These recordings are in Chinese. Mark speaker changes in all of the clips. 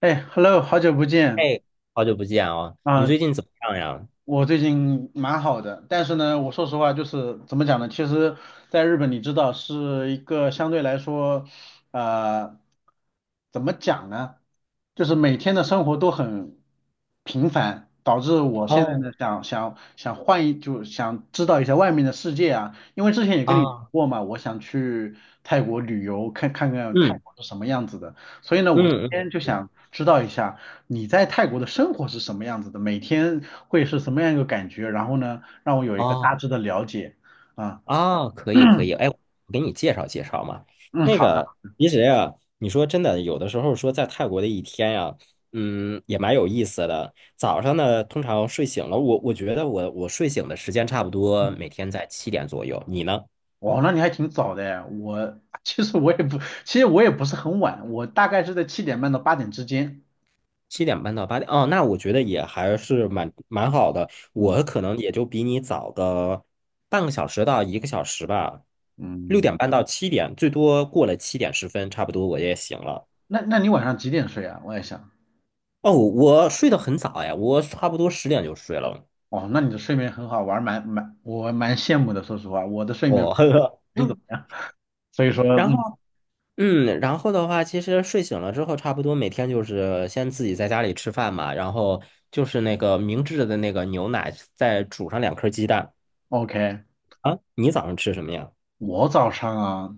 Speaker 1: 哎，Hello，好久不见
Speaker 2: 哎，好久不见哦，你
Speaker 1: 啊！
Speaker 2: 最近怎么样呀？
Speaker 1: 我最近蛮好的，但是呢，我说实话，就是怎么讲呢？其实，在日本，你知道是一个相对来说，呃，怎么讲呢？就是每天的生活都很平凡，导致我现在
Speaker 2: 哦，
Speaker 1: 呢想想想换一，就想知道一下外面的世界啊。因为之前也跟你说
Speaker 2: 啊，
Speaker 1: 过嘛，我想去泰国旅游，看看泰
Speaker 2: 嗯
Speaker 1: 国是什么样子的，所以呢，我今
Speaker 2: 嗯嗯
Speaker 1: 天就想
Speaker 2: 嗯，
Speaker 1: 知道一下。你在泰国的生活是什么样子的？每天会是什么样一个感觉？然后呢，让我有一个
Speaker 2: 哦
Speaker 1: 大致的了解。啊，
Speaker 2: 啊，可以可以，哎，我给你介绍介绍嘛。
Speaker 1: 嗯，
Speaker 2: 那
Speaker 1: 好，
Speaker 2: 个，其实呀，你说真的，有的时候说在泰国的一天呀，也蛮有意思的。早上呢，通常睡醒了，我觉得我睡醒的时间差不多每天在七点左右，你呢？
Speaker 1: 哦，那你还挺早的哎。我其实我也不，其实我也不是很晚，我大概是在7:30到8点之间。
Speaker 2: 7点半到8点，哦，那我觉得也还是蛮好的。
Speaker 1: 嗯，
Speaker 2: 我可能也就比你早个半个小时到1个小时吧，六
Speaker 1: 嗯，
Speaker 2: 点半到七点，最多过了7点10分，差不多我也醒了。
Speaker 1: 那你晚上几点睡啊？我也想，
Speaker 2: 哦，我睡得很早呀，我差不多10点就睡了。
Speaker 1: 哦，那你的睡眠很好，玩，还蛮羡慕的。说实话，我的睡眠
Speaker 2: 哦，
Speaker 1: 不是怎么 样，所以说，
Speaker 2: 然后
Speaker 1: 嗯
Speaker 2: 然后的话，其实睡醒了之后，差不多每天就是先自己在家里吃饭嘛，然后就是那个明治的那个牛奶，再煮上2颗鸡蛋。
Speaker 1: ，OK，
Speaker 2: 啊，你早上吃什么呀？
Speaker 1: 我早上啊，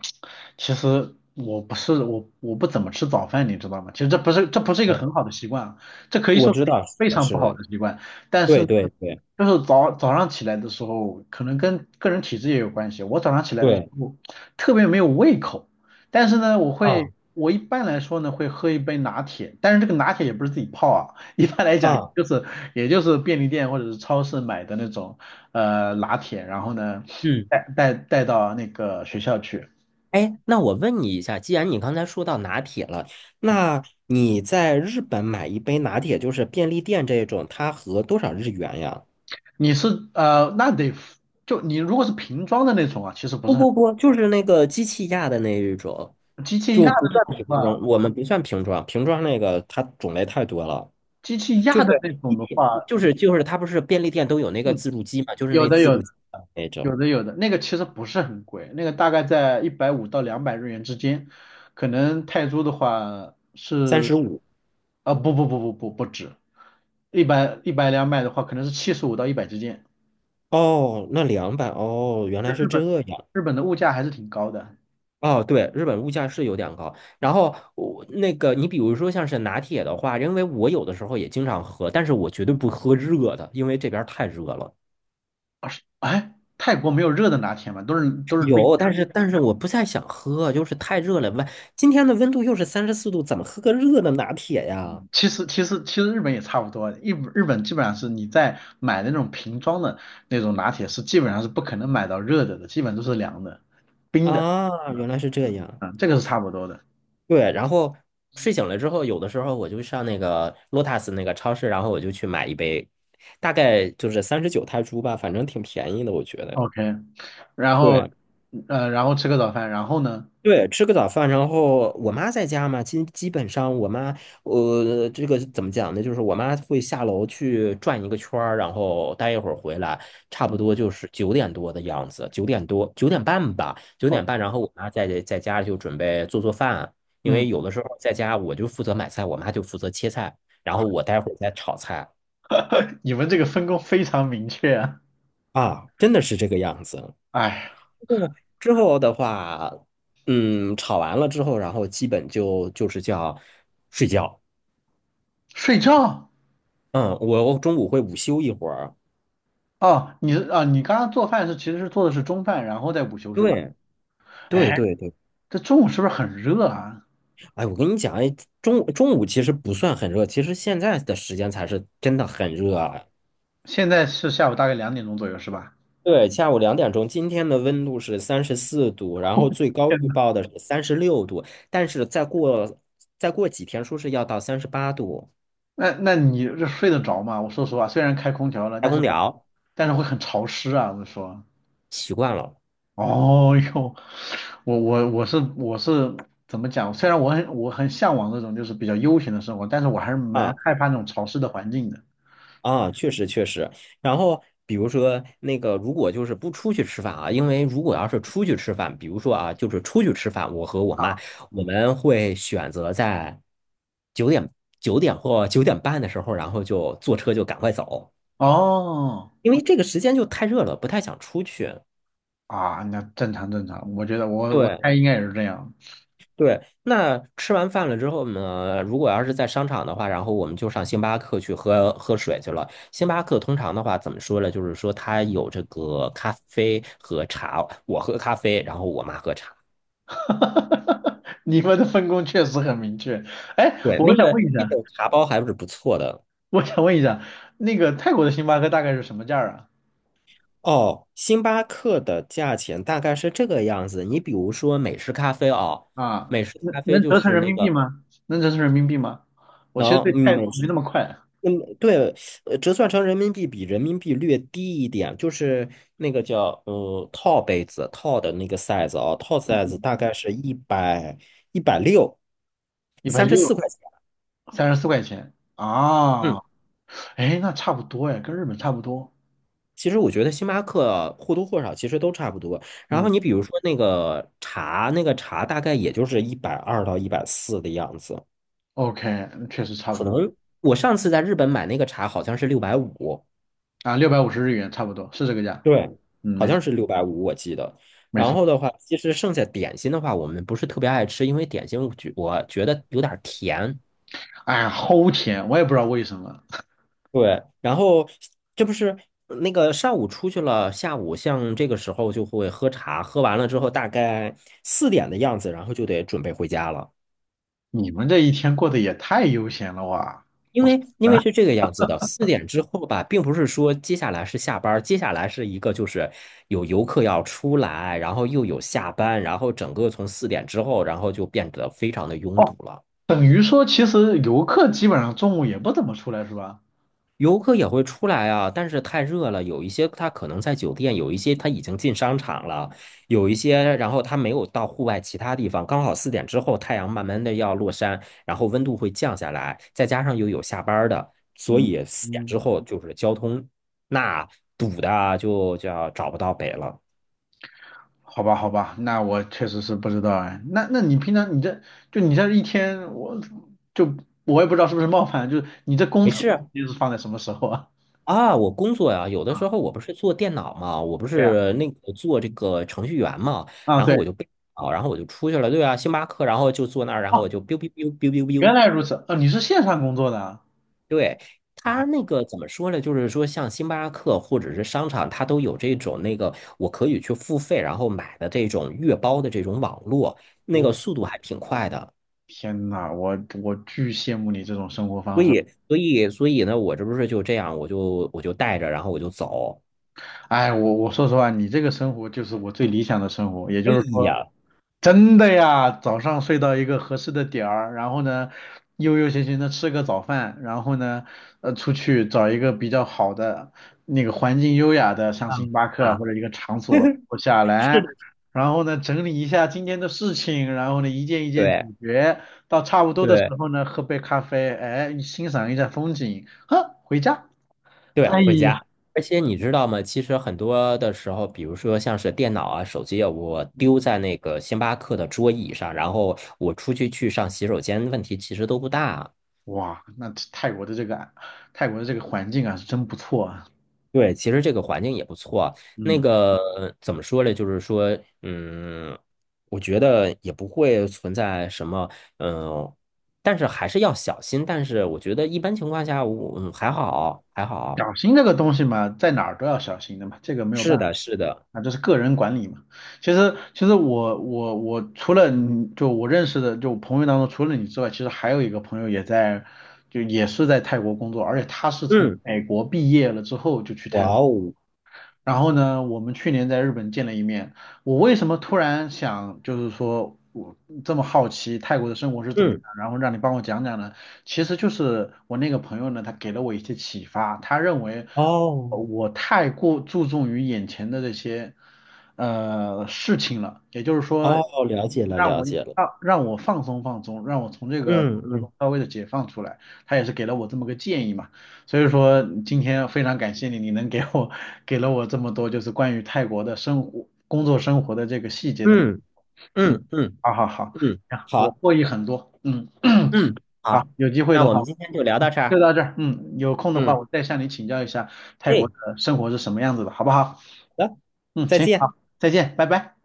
Speaker 1: 其实我不怎么吃早饭，你知道吗？其实这不是一个很好的习惯啊，这可以
Speaker 2: 我
Speaker 1: 说
Speaker 2: 知
Speaker 1: 是一
Speaker 2: 道，
Speaker 1: 个
Speaker 2: 是
Speaker 1: 非
Speaker 2: 的，
Speaker 1: 常不
Speaker 2: 是
Speaker 1: 好
Speaker 2: 的，
Speaker 1: 的习惯。但是
Speaker 2: 对
Speaker 1: 呢，
Speaker 2: 对对
Speaker 1: 就是早上起来的时候，可能跟个人体质也有关系。我早上起来的时
Speaker 2: 对
Speaker 1: 候特别没有胃口，但是呢，我
Speaker 2: 啊
Speaker 1: 会我一般来说呢会喝一杯拿铁，但是这个拿铁也不是自己泡啊，一般来讲
Speaker 2: 啊，
Speaker 1: 就是也就是便利店或者是超市买的那种。拿铁，然后呢
Speaker 2: 嗯，
Speaker 1: 带到那个学校去。
Speaker 2: 哎，那我问你一下，既然你刚才说到拿铁了，那你在日本买一杯拿铁，就是便利店这种，它合多少日元呀？
Speaker 1: 你是呃那得就你如果是瓶装的那种啊，其实不
Speaker 2: 不
Speaker 1: 是很
Speaker 2: 不不，就是那个机器压的那一种，
Speaker 1: 机器压
Speaker 2: 就不
Speaker 1: 的那
Speaker 2: 算
Speaker 1: 种的
Speaker 2: 瓶
Speaker 1: 话，
Speaker 2: 装，我们不算瓶装，瓶装那个它种类太多了，
Speaker 1: 机器
Speaker 2: 就
Speaker 1: 压
Speaker 2: 是
Speaker 1: 的那
Speaker 2: 一
Speaker 1: 种的
Speaker 2: 瓶，
Speaker 1: 话，
Speaker 2: 就是它不是便利店都有那个
Speaker 1: 嗯，
Speaker 2: 自助机嘛，就是
Speaker 1: 有
Speaker 2: 那
Speaker 1: 的
Speaker 2: 自
Speaker 1: 有
Speaker 2: 助
Speaker 1: 的
Speaker 2: 机的那
Speaker 1: 有
Speaker 2: 种，
Speaker 1: 的有的，那个其实不是很贵，那个大概在150到200日元之间，可能泰铢的话，
Speaker 2: 35
Speaker 1: 啊，不不不不不，不止，一百两百的话，可能是75到一百之间。
Speaker 2: 哦，那200哦，原
Speaker 1: 日
Speaker 2: 来是
Speaker 1: 日本
Speaker 2: 这样。
Speaker 1: 日本的物价还是挺高的。
Speaker 2: 哦，对，日本物价是有点高。然后我那个，你比如说像是拿铁的话，因为我有的时候也经常喝，但是我绝对不喝热的，因为这边儿太热了。
Speaker 1: 啊是哎，泰国没有热的拿铁嘛，都是冰
Speaker 2: 有，但
Speaker 1: 的。
Speaker 2: 是但是我不太想喝，就是太热了。今天的温度又是三十四度，怎么喝个热的拿铁呀？
Speaker 1: 其实日本也差不多，日本基本上是你在买那种瓶装的那种拿铁是基本上是不可能买到热的，基本都是凉的、冰的。
Speaker 2: 啊，
Speaker 1: 嗯
Speaker 2: 原来是这样。
Speaker 1: 嗯，这个是差不多的。
Speaker 2: 对，然后睡醒了之后，有的时候我就上那个 Lotus 那个超市，然后我就去买一杯，大概就是39泰铢吧，反正挺便宜的，我觉得。
Speaker 1: OK，然后
Speaker 2: 对，
Speaker 1: 然后吃个早饭，然后呢
Speaker 2: 对，吃个早饭，然后我妈在家嘛，基本上我妈，这个怎么讲呢？就是我妈会下楼去转一个圈儿，然后待一会儿回来，差不多就是九点多的样子，九点多，九点半吧，九点半，
Speaker 1: ？OK，
Speaker 2: 然后我妈在家就准备做饭，因
Speaker 1: 嗯，
Speaker 2: 为有的时候在家我就负责买菜，我妈就负责切菜，然后
Speaker 1: 哦，
Speaker 2: 我待会儿再炒菜
Speaker 1: 你们这个分工非常明确啊。
Speaker 2: 啊，真的是这个样子。
Speaker 1: 哎，
Speaker 2: 之后的话，吵完了之后，然后基本就是叫睡觉。
Speaker 1: 睡觉。
Speaker 2: 嗯，我中午会午休一会儿。
Speaker 1: 哦，你是啊，你刚刚做饭其实做的是中饭，然后再午休是吧？
Speaker 2: 对，对，
Speaker 1: 哎，
Speaker 2: 对，对。
Speaker 1: 这中午是不是很热啊？
Speaker 2: 哎，我跟你讲，哎，中午其实不算很热，其实现在的时间才是真的很热啊。
Speaker 1: 现在是下午大概2点钟左右是吧？
Speaker 2: 对，下午2点钟，今天的温度是三十四度，然后最高
Speaker 1: 天
Speaker 2: 预
Speaker 1: 呐，
Speaker 2: 报的是36度，但是再过几天，说是要到38度。
Speaker 1: 那你这睡得着吗？我说实话，虽然开空调了，
Speaker 2: 开
Speaker 1: 但
Speaker 2: 空
Speaker 1: 是
Speaker 2: 调，
Speaker 1: 但是会很潮湿啊。我说，
Speaker 2: 习惯了。
Speaker 1: 哦哟，我怎么讲？虽然我很向往那种就是比较悠闲的生活，但是我还是蛮
Speaker 2: 啊。
Speaker 1: 害怕那种潮湿的环境的。
Speaker 2: 啊，确实确实。然后比如说那个，如果就是不出去吃饭啊，因为如果要是出去吃饭，比如说啊，就是出去吃饭，我和我
Speaker 1: 啊。
Speaker 2: 妈我们会选择在九点九点或九点半的时候，然后就坐车就赶快走，
Speaker 1: 哦，
Speaker 2: 因为这个时间就太热了，不太想出去。
Speaker 1: 啊，那正常正常，我觉得我
Speaker 2: 对。
Speaker 1: 猜应该也是这样。
Speaker 2: 对，那吃完饭了之后呢，如果要是在商场的话，然后我们就上星巴克去喝喝水去了。星巴克通常的话，怎么说呢？就是说它有这个咖啡和茶，我喝咖啡，然后我妈喝茶。
Speaker 1: 你们的分工确实很明确。哎，
Speaker 2: 对，
Speaker 1: 我
Speaker 2: 那
Speaker 1: 想
Speaker 2: 个
Speaker 1: 问一下。
Speaker 2: 那个茶包还是不错的。
Speaker 1: 我想问一下，那个泰国的星巴克大概是什么价儿
Speaker 2: 哦，星巴克的价钱大概是这个样子。你比如说美式咖啡哦，
Speaker 1: 啊？啊，
Speaker 2: 美式
Speaker 1: 能
Speaker 2: 咖啡
Speaker 1: 能
Speaker 2: 就
Speaker 1: 折成
Speaker 2: 是
Speaker 1: 人
Speaker 2: 那
Speaker 1: 民币
Speaker 2: 个
Speaker 1: 吗？能折成人民币吗？我其实
Speaker 2: 能，
Speaker 1: 对
Speaker 2: 嗯
Speaker 1: 泰国没那么快，
Speaker 2: 嗯，对，折算成人民币比人民币略低一点，就是那个叫套杯子套的那个 size 啊，套 size 大概是160，
Speaker 1: 一百
Speaker 2: 三十
Speaker 1: 六，
Speaker 2: 四块钱。
Speaker 1: 34块钱啊，
Speaker 2: 嗯，
Speaker 1: 哎，那差不多哎，跟日本差不多。
Speaker 2: 其实我觉得星巴克或多或少其实都差不多。然后
Speaker 1: 嗯
Speaker 2: 你比如说那个茶，大概也就是120到140的样子，
Speaker 1: ，OK，确实差不
Speaker 2: 可
Speaker 1: 多
Speaker 2: 能我上次在日本买那个茶好像是六百五。
Speaker 1: 啊，650日元差不多是这个价。
Speaker 2: 对，
Speaker 1: 嗯，
Speaker 2: 好
Speaker 1: 没错
Speaker 2: 像是六百五，我记得。
Speaker 1: 没
Speaker 2: 然
Speaker 1: 错。
Speaker 2: 后的话，其实剩下点心的话，我们不是特别爱吃，因为点心我觉得有点儿甜。
Speaker 1: 哎呀，齁甜，我也不知道为什么。
Speaker 2: 对，然后这不是那个上午出去了，下午像这个时候就会喝茶，喝完了之后大概四点的样子，然后就得准备回家了。
Speaker 1: 你们这一天过得也太悠闲了哇！
Speaker 2: 因为因
Speaker 1: 啊，
Speaker 2: 为是这个样子的，四点之后吧，并不是说接下来是下班儿接下来是一个就是有游客要出来，然后又有下班，然后整个从四点之后，然后就变得非常的拥堵
Speaker 1: 哦，
Speaker 2: 了。
Speaker 1: 等于说其实游客基本上中午也不怎么出来是吧？
Speaker 2: 游客也会出来啊，但是太热了，有一些他可能在酒店，有一些他已经进商场了，有一些然后他没有到户外其他地方，刚好四点之后太阳慢慢的要落山，然后温度会降下来，再加上又有下班儿的，所
Speaker 1: 嗯
Speaker 2: 以四点之
Speaker 1: 嗯，
Speaker 2: 后就是交通那堵的啊就叫找不到北了。
Speaker 1: 好吧好吧，那我确实是不知道哎。那你平常你这一天，就我也不知道是不是冒犯，就是你这工
Speaker 2: 没
Speaker 1: 作的
Speaker 2: 事，
Speaker 1: 时间是放在什么时候啊？
Speaker 2: 啊，我工作呀，有的时候我不是做电脑嘛，我不
Speaker 1: 对呀，
Speaker 2: 是那个做这个程序员嘛，
Speaker 1: 啊
Speaker 2: 然后
Speaker 1: 对，
Speaker 2: 我就被啊，然后我就出去了，对啊，星巴克，然后就坐那儿，然后
Speaker 1: 哦，
Speaker 2: 我就 biu biu biu biu biu
Speaker 1: 原
Speaker 2: biu，
Speaker 1: 来如此，你是线上工作的啊？
Speaker 2: 对，他
Speaker 1: 哎，
Speaker 2: 那个怎么说呢？就是说像星巴克或者是商场，它都有这种那个我可以去付费，然后买的这种月包的这种网络，那
Speaker 1: 我
Speaker 2: 个速度还挺快的，
Speaker 1: 天呐，我巨羡慕你这种生活方
Speaker 2: 所
Speaker 1: 式。
Speaker 2: 以所以所以呢，我这不是就这样，我就带着，然后我就走，
Speaker 1: 哎，我说实话，你这个生活就是我最理想的生活，也就
Speaker 2: 哎
Speaker 1: 是说。
Speaker 2: 呀，
Speaker 1: 真的呀，早上睡到一个合适的点儿，然后呢，悠悠闲闲的吃个早饭，然后呢，出去找一个比较好的那个环境优雅的，像
Speaker 2: 啊
Speaker 1: 星巴克啊或
Speaker 2: 啊，
Speaker 1: 者一个场所坐下来，
Speaker 2: 是的，
Speaker 1: 然后呢，整理一下今天的事情，然后呢，一件一件解
Speaker 2: 对。
Speaker 1: 决，到差不多的时
Speaker 2: 对
Speaker 1: 候呢，喝杯咖啡，哎，欣赏一下风景，呵，回家。
Speaker 2: 对，
Speaker 1: 哎
Speaker 2: 回
Speaker 1: 呀，
Speaker 2: 家。而且你知道吗？其实很多的时候，比如说像是电脑啊、手机啊，我丢在那个星巴克的桌椅上，然后我出去上洗手间，问题其实都不大。
Speaker 1: 哇，那泰国的这个环境啊，是真不错啊。
Speaker 2: 对，其实这个环境也不错。那
Speaker 1: 嗯。
Speaker 2: 个怎么说呢？就是说，我觉得也不会存在什么，嗯，但是还是要小心。但是我觉得一般情况下，我还好，还好。
Speaker 1: 小心这个东西嘛，在哪儿都要小心的嘛，这个没有
Speaker 2: 是
Speaker 1: 办法。
Speaker 2: 的，是的，
Speaker 1: 啊，这是个人管理嘛。其实，我除了你就我认识的就我朋友当中，除了你之外，其实还有一个朋友也在，就也是在泰国工作，而且他是从
Speaker 2: 嗯，
Speaker 1: 美国毕业了之后就去泰
Speaker 2: 哇
Speaker 1: 国。
Speaker 2: 哦，
Speaker 1: 然后呢，我们去年在日本见了一面。我为什么突然想，就是说我这么好奇泰国的生活是怎么样，
Speaker 2: 嗯。
Speaker 1: 然后让你帮我讲讲呢？其实就是我那个朋友呢，他给了我一些启发，他认为
Speaker 2: 哦
Speaker 1: 我太过注重于眼前的这些事情了，也就是说，
Speaker 2: 哦，了解了，
Speaker 1: 让
Speaker 2: 了
Speaker 1: 我
Speaker 2: 解了。
Speaker 1: 让让我放松放松，让我从这个生
Speaker 2: 嗯
Speaker 1: 活中
Speaker 2: 嗯
Speaker 1: 稍微的解放出来。他也是给了我这么个建议嘛。所以说今天非常感谢你，你能给我给了我这么多就是关于泰国的生活、工作生活的这个细节的。
Speaker 2: 嗯
Speaker 1: 嗯，
Speaker 2: 嗯嗯
Speaker 1: 好好好，
Speaker 2: 嗯，
Speaker 1: 啊，我
Speaker 2: 好，
Speaker 1: 获益很多。嗯，
Speaker 2: 嗯
Speaker 1: 好，
Speaker 2: 好，
Speaker 1: 有机会
Speaker 2: 那
Speaker 1: 的
Speaker 2: 我
Speaker 1: 话
Speaker 2: 们今天就聊到这
Speaker 1: 就
Speaker 2: 儿。
Speaker 1: 到这儿。嗯，有空的话
Speaker 2: 嗯，
Speaker 1: 我再向你请教一下泰国
Speaker 2: 哎，
Speaker 1: 的生活是什么样子的，好不好？
Speaker 2: 好的，
Speaker 1: 嗯，
Speaker 2: 再
Speaker 1: 行，
Speaker 2: 见。
Speaker 1: 好，再见，拜拜。